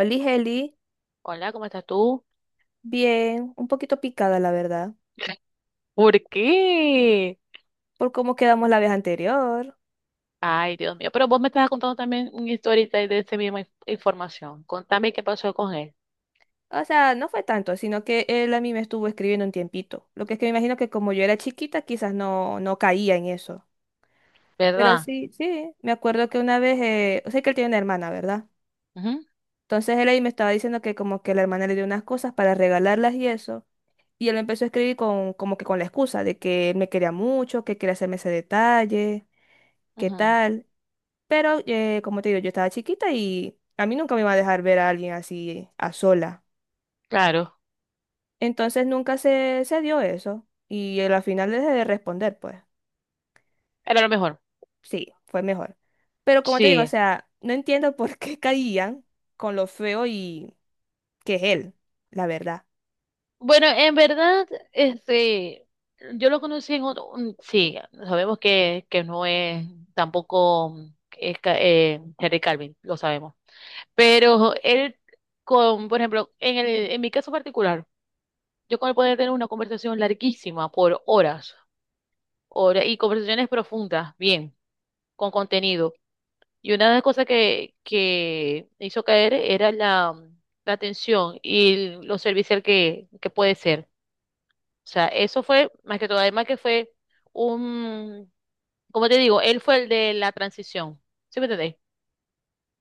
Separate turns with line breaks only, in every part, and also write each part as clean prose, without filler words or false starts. Oli Heli,
Hola, ¿cómo estás tú?
bien, un poquito picada la verdad,
¿Por qué?
por cómo quedamos la vez anterior.
Ay, Dios mío, pero vos me estabas contando también una historia de esa misma información. Contame qué pasó con él.
O sea, no fue tanto, sino que él a mí me estuvo escribiendo un tiempito. Lo que es que me imagino que como yo era chiquita, quizás no, no caía en eso. Pero
¿Verdad?
sí, sí, me acuerdo que una vez, o sea que él tiene una hermana, ¿verdad?
Ujú,
Entonces él ahí me estaba diciendo que como que la hermana le dio unas cosas para regalarlas y eso. Y él me empezó a escribir con, como que con la excusa de que él me quería mucho, que quería hacerme ese detalle, qué
ujú.
tal. Pero, como te digo, yo estaba chiquita y a mí nunca me iba a dejar ver a alguien así a sola.
Claro,
Entonces nunca se dio eso. Y él al final dejé de responder, pues.
era lo mejor.
Sí, fue mejor. Pero como te digo, o
Sí.
sea, no entiendo por qué caían con lo feo y que es él, la verdad.
Bueno, en verdad, yo lo conocí en otro, sí, sabemos que no es tampoco es, Henry Calvin, lo sabemos. Pero él, con, por ejemplo, en el, en mi caso particular, yo como poder tener una conversación larguísima por horas, horas y conversaciones profundas, bien, con contenido. Y una de las cosas que me hizo caer era la, la atención y lo servicial que puede ser. O sea, eso fue más que todo, además que fue un, como te digo, él fue el de la transición. ¿Sí me entendéis?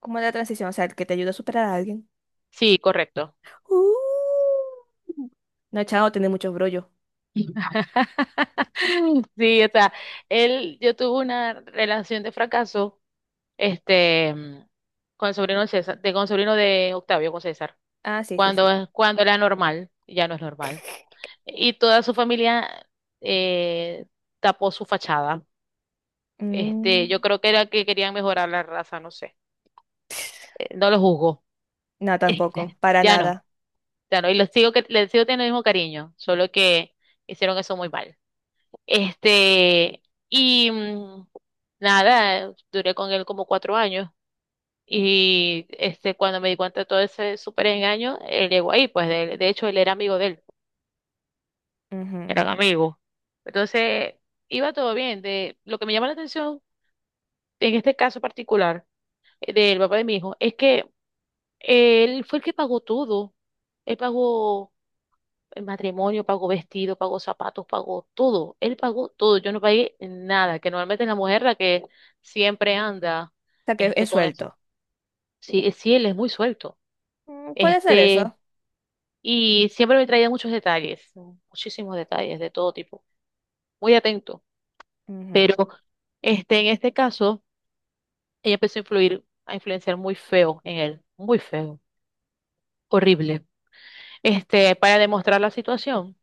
Como la transición, o sea, el que te ayuda a superar a alguien.
Sí, correcto.
Uh. No, chao, tiene muchos brollos.
Sí, o sea, él, yo tuve una relación de fracaso este, mm, con el sobrino de César, de, con el sobrino de Octavio, con César,
Ah, sí, sí, sí.
cuando, cuando era normal, ya no es normal. Y toda su familia eh, tapó su fachada. Yo
Mm.
creo que era que querían mejorar la raza, no sé. No lo juzgo.
No, tampoco, para
Ya no,
nada.
ya no. Y les sigo, les sigo teniendo el mismo cariño, solo que hicieron eso muy mal. Este, y mm, nada, duré con él como cuatro años. Y cuando me di cuenta de todo ese súper engaño, él llegó ahí, pues de hecho él era amigo de él,
Ujú.
eran
O
amigos. Entonces, iba todo bien. De, lo que me llama la atención en este caso particular, del papá de mi hijo es que él fue el que pagó todo. Él pagó el matrimonio, pagó vestido, pagó zapatos, pagó todo. Él pagó todo. Yo no pagué nada, que normalmente es la mujer la que siempre anda
sea, que es
con eso.
suelto.
Sí, sí, él es muy suelto.
Mm, puede ser
este
eso.
Y siempre me traía muchos detalles, muchísimos detalles de todo tipo, muy atento.
Ujú.
Pero en este caso, ella empezó a influir, a influenciar muy feo en él, muy feo, horrible. Para demostrar la situación,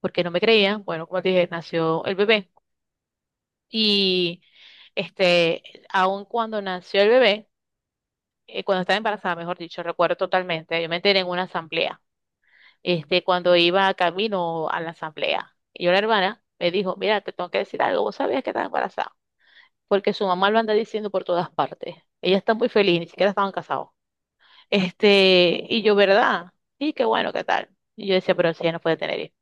porque no me creían, bueno, como te dije, nació el bebé. Y este, aun cuando nació el bebé, cuando estaba embarazada, mejor dicho, recuerdo totalmente, yo me enteré en una asamblea. Cuando iba camino a la asamblea. Y yo, la hermana, me dijo, mira, te tengo que decir algo, vos sabías que estaba embarazada, porque su mamá lo anda diciendo por todas partes. Ella está muy feliz, ni siquiera estaban casados. Y yo, ¿verdad? Sí, qué bueno, ¿qué tal? Y yo decía, pero si ella no puede tener hijos.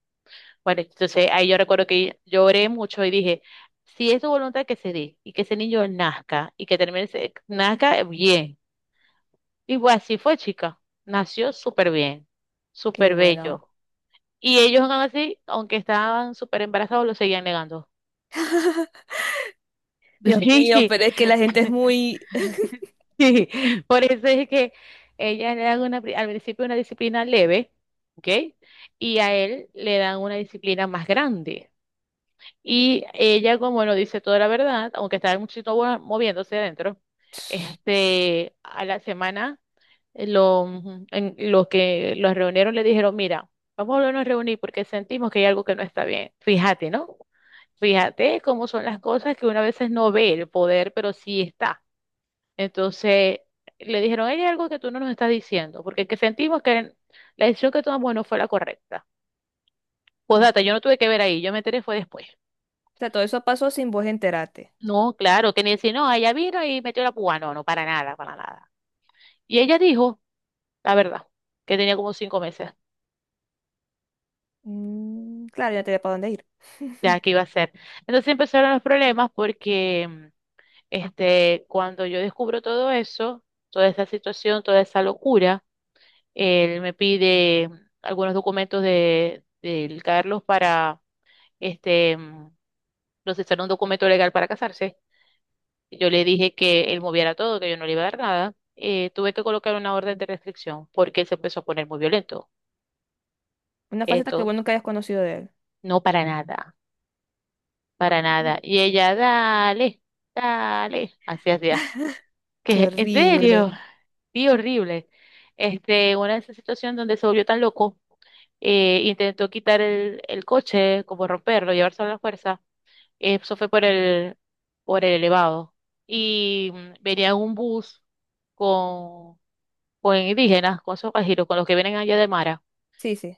Bueno, entonces ahí yo recuerdo que lloré mucho y dije, si es su voluntad que se dé y que ese niño nazca y que termine, nazca bien. Y pues así fue, chica. Nació súper bien,
Qué
súper
bueno.
bello. Y ellos aún así, aunque estaban súper embarazados, lo seguían negando.
Dios
Sí,
mío,
sí,
pero es que la gente es muy...
sí. Por eso es que ella le dan una, al principio una disciplina leve, ¿ok? Y a él le dan una disciplina más grande. Y ella, como no dice toda la verdad, aunque estaba muchito moviéndose adentro, a la semana, eh, lo- los que los reunieron le dijeron, mira, vamos a volvernos a reunir porque sentimos que hay algo que no está bien. Fíjate, ¿no? Fíjate cómo son las cosas que uno a veces no ve el poder, pero sí está. Entonces le dijeron, hay algo que tú no nos estás diciendo, porque que sentimos que la decisión que tomamos no fue la correcta. Pues
Mm. O
data, yo no tuve que ver ahí, yo me enteré fue después.
sea, todo eso pasó sin vos enterarte.
No, claro, que ni decir, no, ella vino y metió la púa. No, no, para nada, para nada. Y ella dijo, la verdad, que tenía como cinco meses.
Mm, claro, ya te da para dónde ir.
Ya, ¿qué iba a hacer? Entonces empezaron los problemas porque cuando yo descubro todo eso, toda esa situación, toda esa locura, él me pide algunos documentos de, del Carlos para este, mm, procesar un documento legal para casarse. Yo le dije que él moviera todo, que yo no le iba a dar nada. Tuve que colocar una orden de restricción porque él se empezó a poner muy violento.
Una faceta que
Esto,
vos nunca hayas conocido de él.
no, para nada, para nada. Y ella, dale, dale, así así.
Qué
¿Qué? ¿En
horrible.
serio? Sí, horrible. Una de esas situaciones donde se volvió tan loco, intentó quitar el coche, como romperlo, llevárselo a la fuerza. Eso fue por el elevado. Y venía un bus con, con indígenas, con esos pajeros, con los que vienen allá de Mara.
Sí, sí.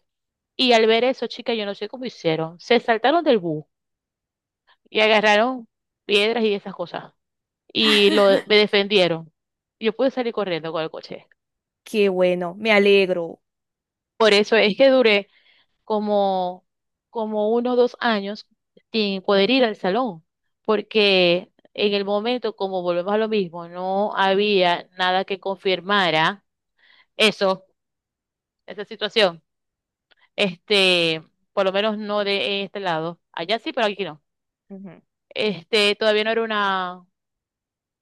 Y al ver eso, chica, yo no sé cómo hicieron. Se saltaron del bus y agarraron piedras y esas cosas. Y lo, me defendieron. Yo pude salir corriendo con el coche.
Qué bueno. Me alegro.
Por eso es que duré como, como unos dos años sin poder ir al salón, porque en el momento, como volvemos a lo mismo, no había nada que confirmara eso, esa situación. Este, por lo menos no de este lado. Allá sí, pero aquí no.
Ujú.
Todavía no era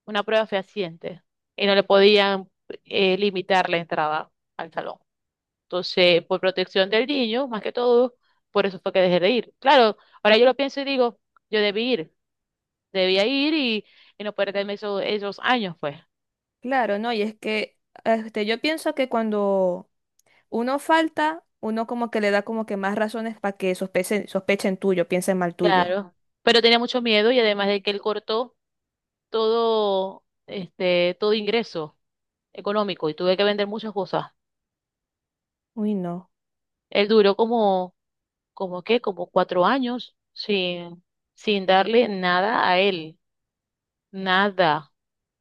una prueba fehaciente y no le podían limitar la entrada al salón. Entonces, por protección del niño, más que todo, por eso fue que dejé de ir. Claro, ahora yo lo pienso y digo, yo debí ir, debía ir y no perderme esos, esos años, pues.
Claro, ¿no? Y es que yo pienso que cuando uno falta, uno como que le da como que más razones para que sospechen, sospechen tuyo, piensen mal tuyo.
Claro, pero tenía mucho miedo y además de que él cortó todo, todo ingreso económico y tuve que vender muchas cosas.
Uy, no.
Él duró como, como qué, como cuatro años sin, sin darle nada a él, nada.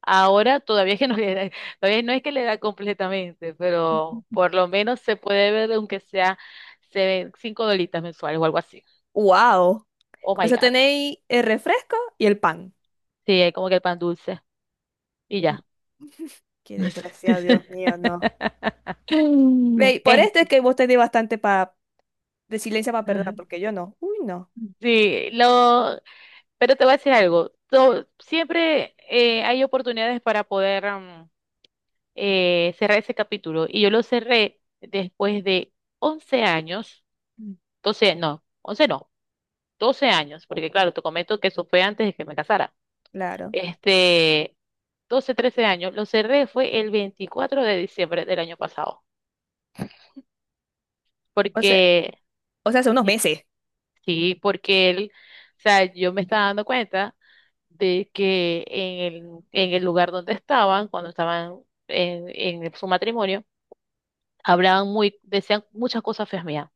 Ahora todavía que todavía no es que le da completamente, pero por lo menos se puede ver, aunque sea se ven cinco dolitas mensuales o algo así.
Wow.
Oh
Con
my
eso
God.
tenéis el refresco y el pan.
Sí, es como que el pan dulce. Y ya.
Qué desgraciado, Dios mío, no.
Mm.
Ve, por esto es que vos tenés bastante resiliencia para perdonar,
Ajá.
porque yo no. Uy, no.
Sí, lo, pero te voy a decir algo. Siempre hay oportunidades para poder cerrar ese capítulo. Y yo lo cerré después de 11 años.
Mm.
Entonces, no, 11 no, 12 años, porque claro, te comento que eso fue antes de que me casara.
Claro.
Este, 12, 13 años, lo cerré fue el 24 de diciembre del año pasado,
O sea,
porque,
o sea, hace unos
y-
meses.
sí, porque él, o sea, yo me estaba dando cuenta de que en el lugar donde estaban, cuando estaban en su matrimonio, hablaban muy, decían muchas cosas feas mías.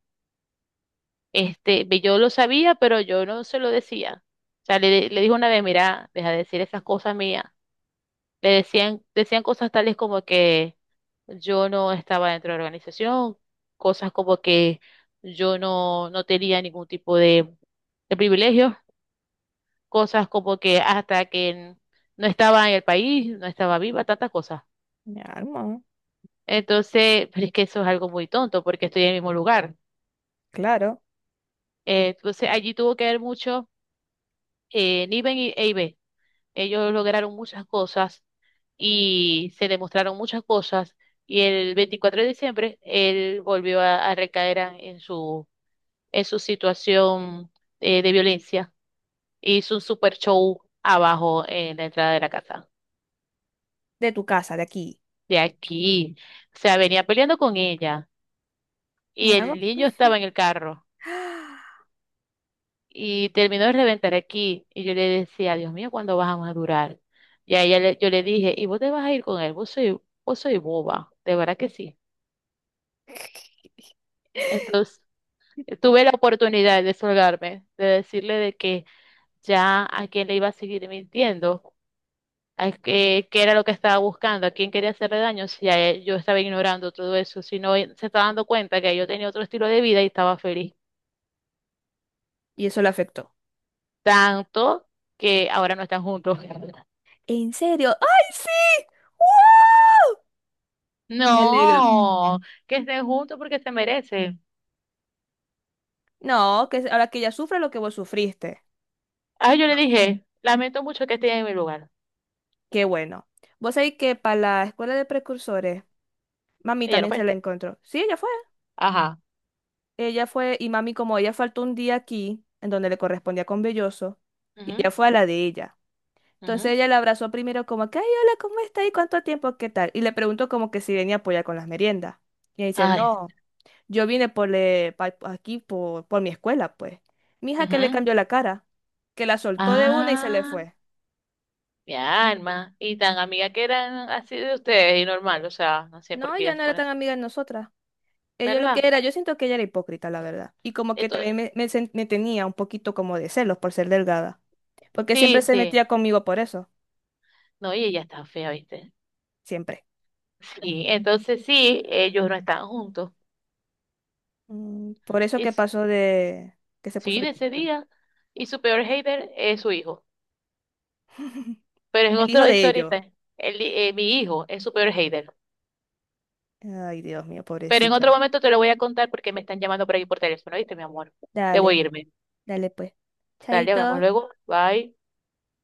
Ve, yo lo sabía, pero yo no se lo decía. O sea, le dije una vez, mira, deja de decir esas cosas mías. Le decían, decían cosas tales como que yo no estaba dentro de la organización, cosas como que yo no, no tenía ningún tipo de privilegios, cosas como que hasta que no estaba en el país, no estaba viva, tantas cosas.
Mi alma,
Entonces, pero es que eso es algo muy tonto porque estoy en el mismo lugar.
claro.
Entonces, allí tuvo que haber mucho, Niven y EIB. Ellos lograron muchas cosas y se demostraron muchas cosas y el 24 de diciembre él volvió a en su situación de violencia. Hizo un super show abajo en la entrada de la casa,
De tu casa, de aquí.
de aquí. O sea, venía peleando con ella y
Mi alma.
el niño estaba en el carro
Ah,
y terminó de reventar aquí y yo le decía, Dios mío, ¿cuándo vas a madurar? Y a yo le dije, ¿y vos te vas a ir con él? Vos soy boba, de verdad que sí. Entonces, tuve la oportunidad de solgarme, de decirle de que ya a quién le iba a seguir mintiendo, a qué, qué era lo que estaba buscando, a quién quería hacerle daño, si a yo estaba ignorando todo eso, si no él se estaba dando cuenta que yo tenía otro estilo de vida y estaba feliz.
y eso le afectó.
Tanto que ahora no están juntos.
¿En serio? ¡Ay, sí! ¡Wow! Me alegro.
No, mm, que estén juntos porque se merecen.
No, que ahora que ella sufre lo que vos sufriste.
Ah, yo le
Bueno.
dije, lamento mucho que estés en mi lugar.
Qué bueno. Vos sabéis que para la escuela de precursores mami
Ella no
también se
fue.
la encontró. Sí, ella fue.
Ajá.
Ella fue, y mami, como ella faltó un día aquí, en donde le correspondía con Belloso, ella
Ujú,
fue a la de ella. Entonces
ujú.
ella la abrazó primero como que, ay, hola, ¿cómo está? ¿Y cuánto tiempo? ¿Qué tal? Y le preguntó como que si venía a apoyar con las meriendas. Y ella dice,
Ay.
no, yo vine aquí por mi escuela, pues. Mi hija que le
Ujú.
cambió la cara, que la soltó de una y se le
Ah.
fue.
Mi alma. Y tan amiga que eran así de ustedes y normal, o sea, no sé
No,
por qué
ella
ella
no
se
era
pone
tan
así.
amiga de nosotras. Ella lo que
¿Verdad?
era, yo siento que ella era hipócrita, la verdad. Y como que
Esto,
también me tenía un poquito como de celos por ser delgada. Porque siempre
sí,
se
sí.
metía conmigo por eso,
No, y ella está fea, ¿viste?
siempre.
Sí, entonces sí, ellos no están juntos.
Mm, por eso
Y
que pasó de que se puso
sí, de ese
violenta.
día. Y su peor hater es su hijo. Pero en
El hijo
otra
de
historia,
ellos.
el, mi hijo es su peor hater.
Ay, Dios mío,
Pero en
pobrecito.
otro momento te lo voy a contar porque me están llamando por ahí por teléfono, ¿viste, mi amor? Debo
Dale,
irme.
dale pues.
Dale, hablamos
Chaito.
luego. Bye.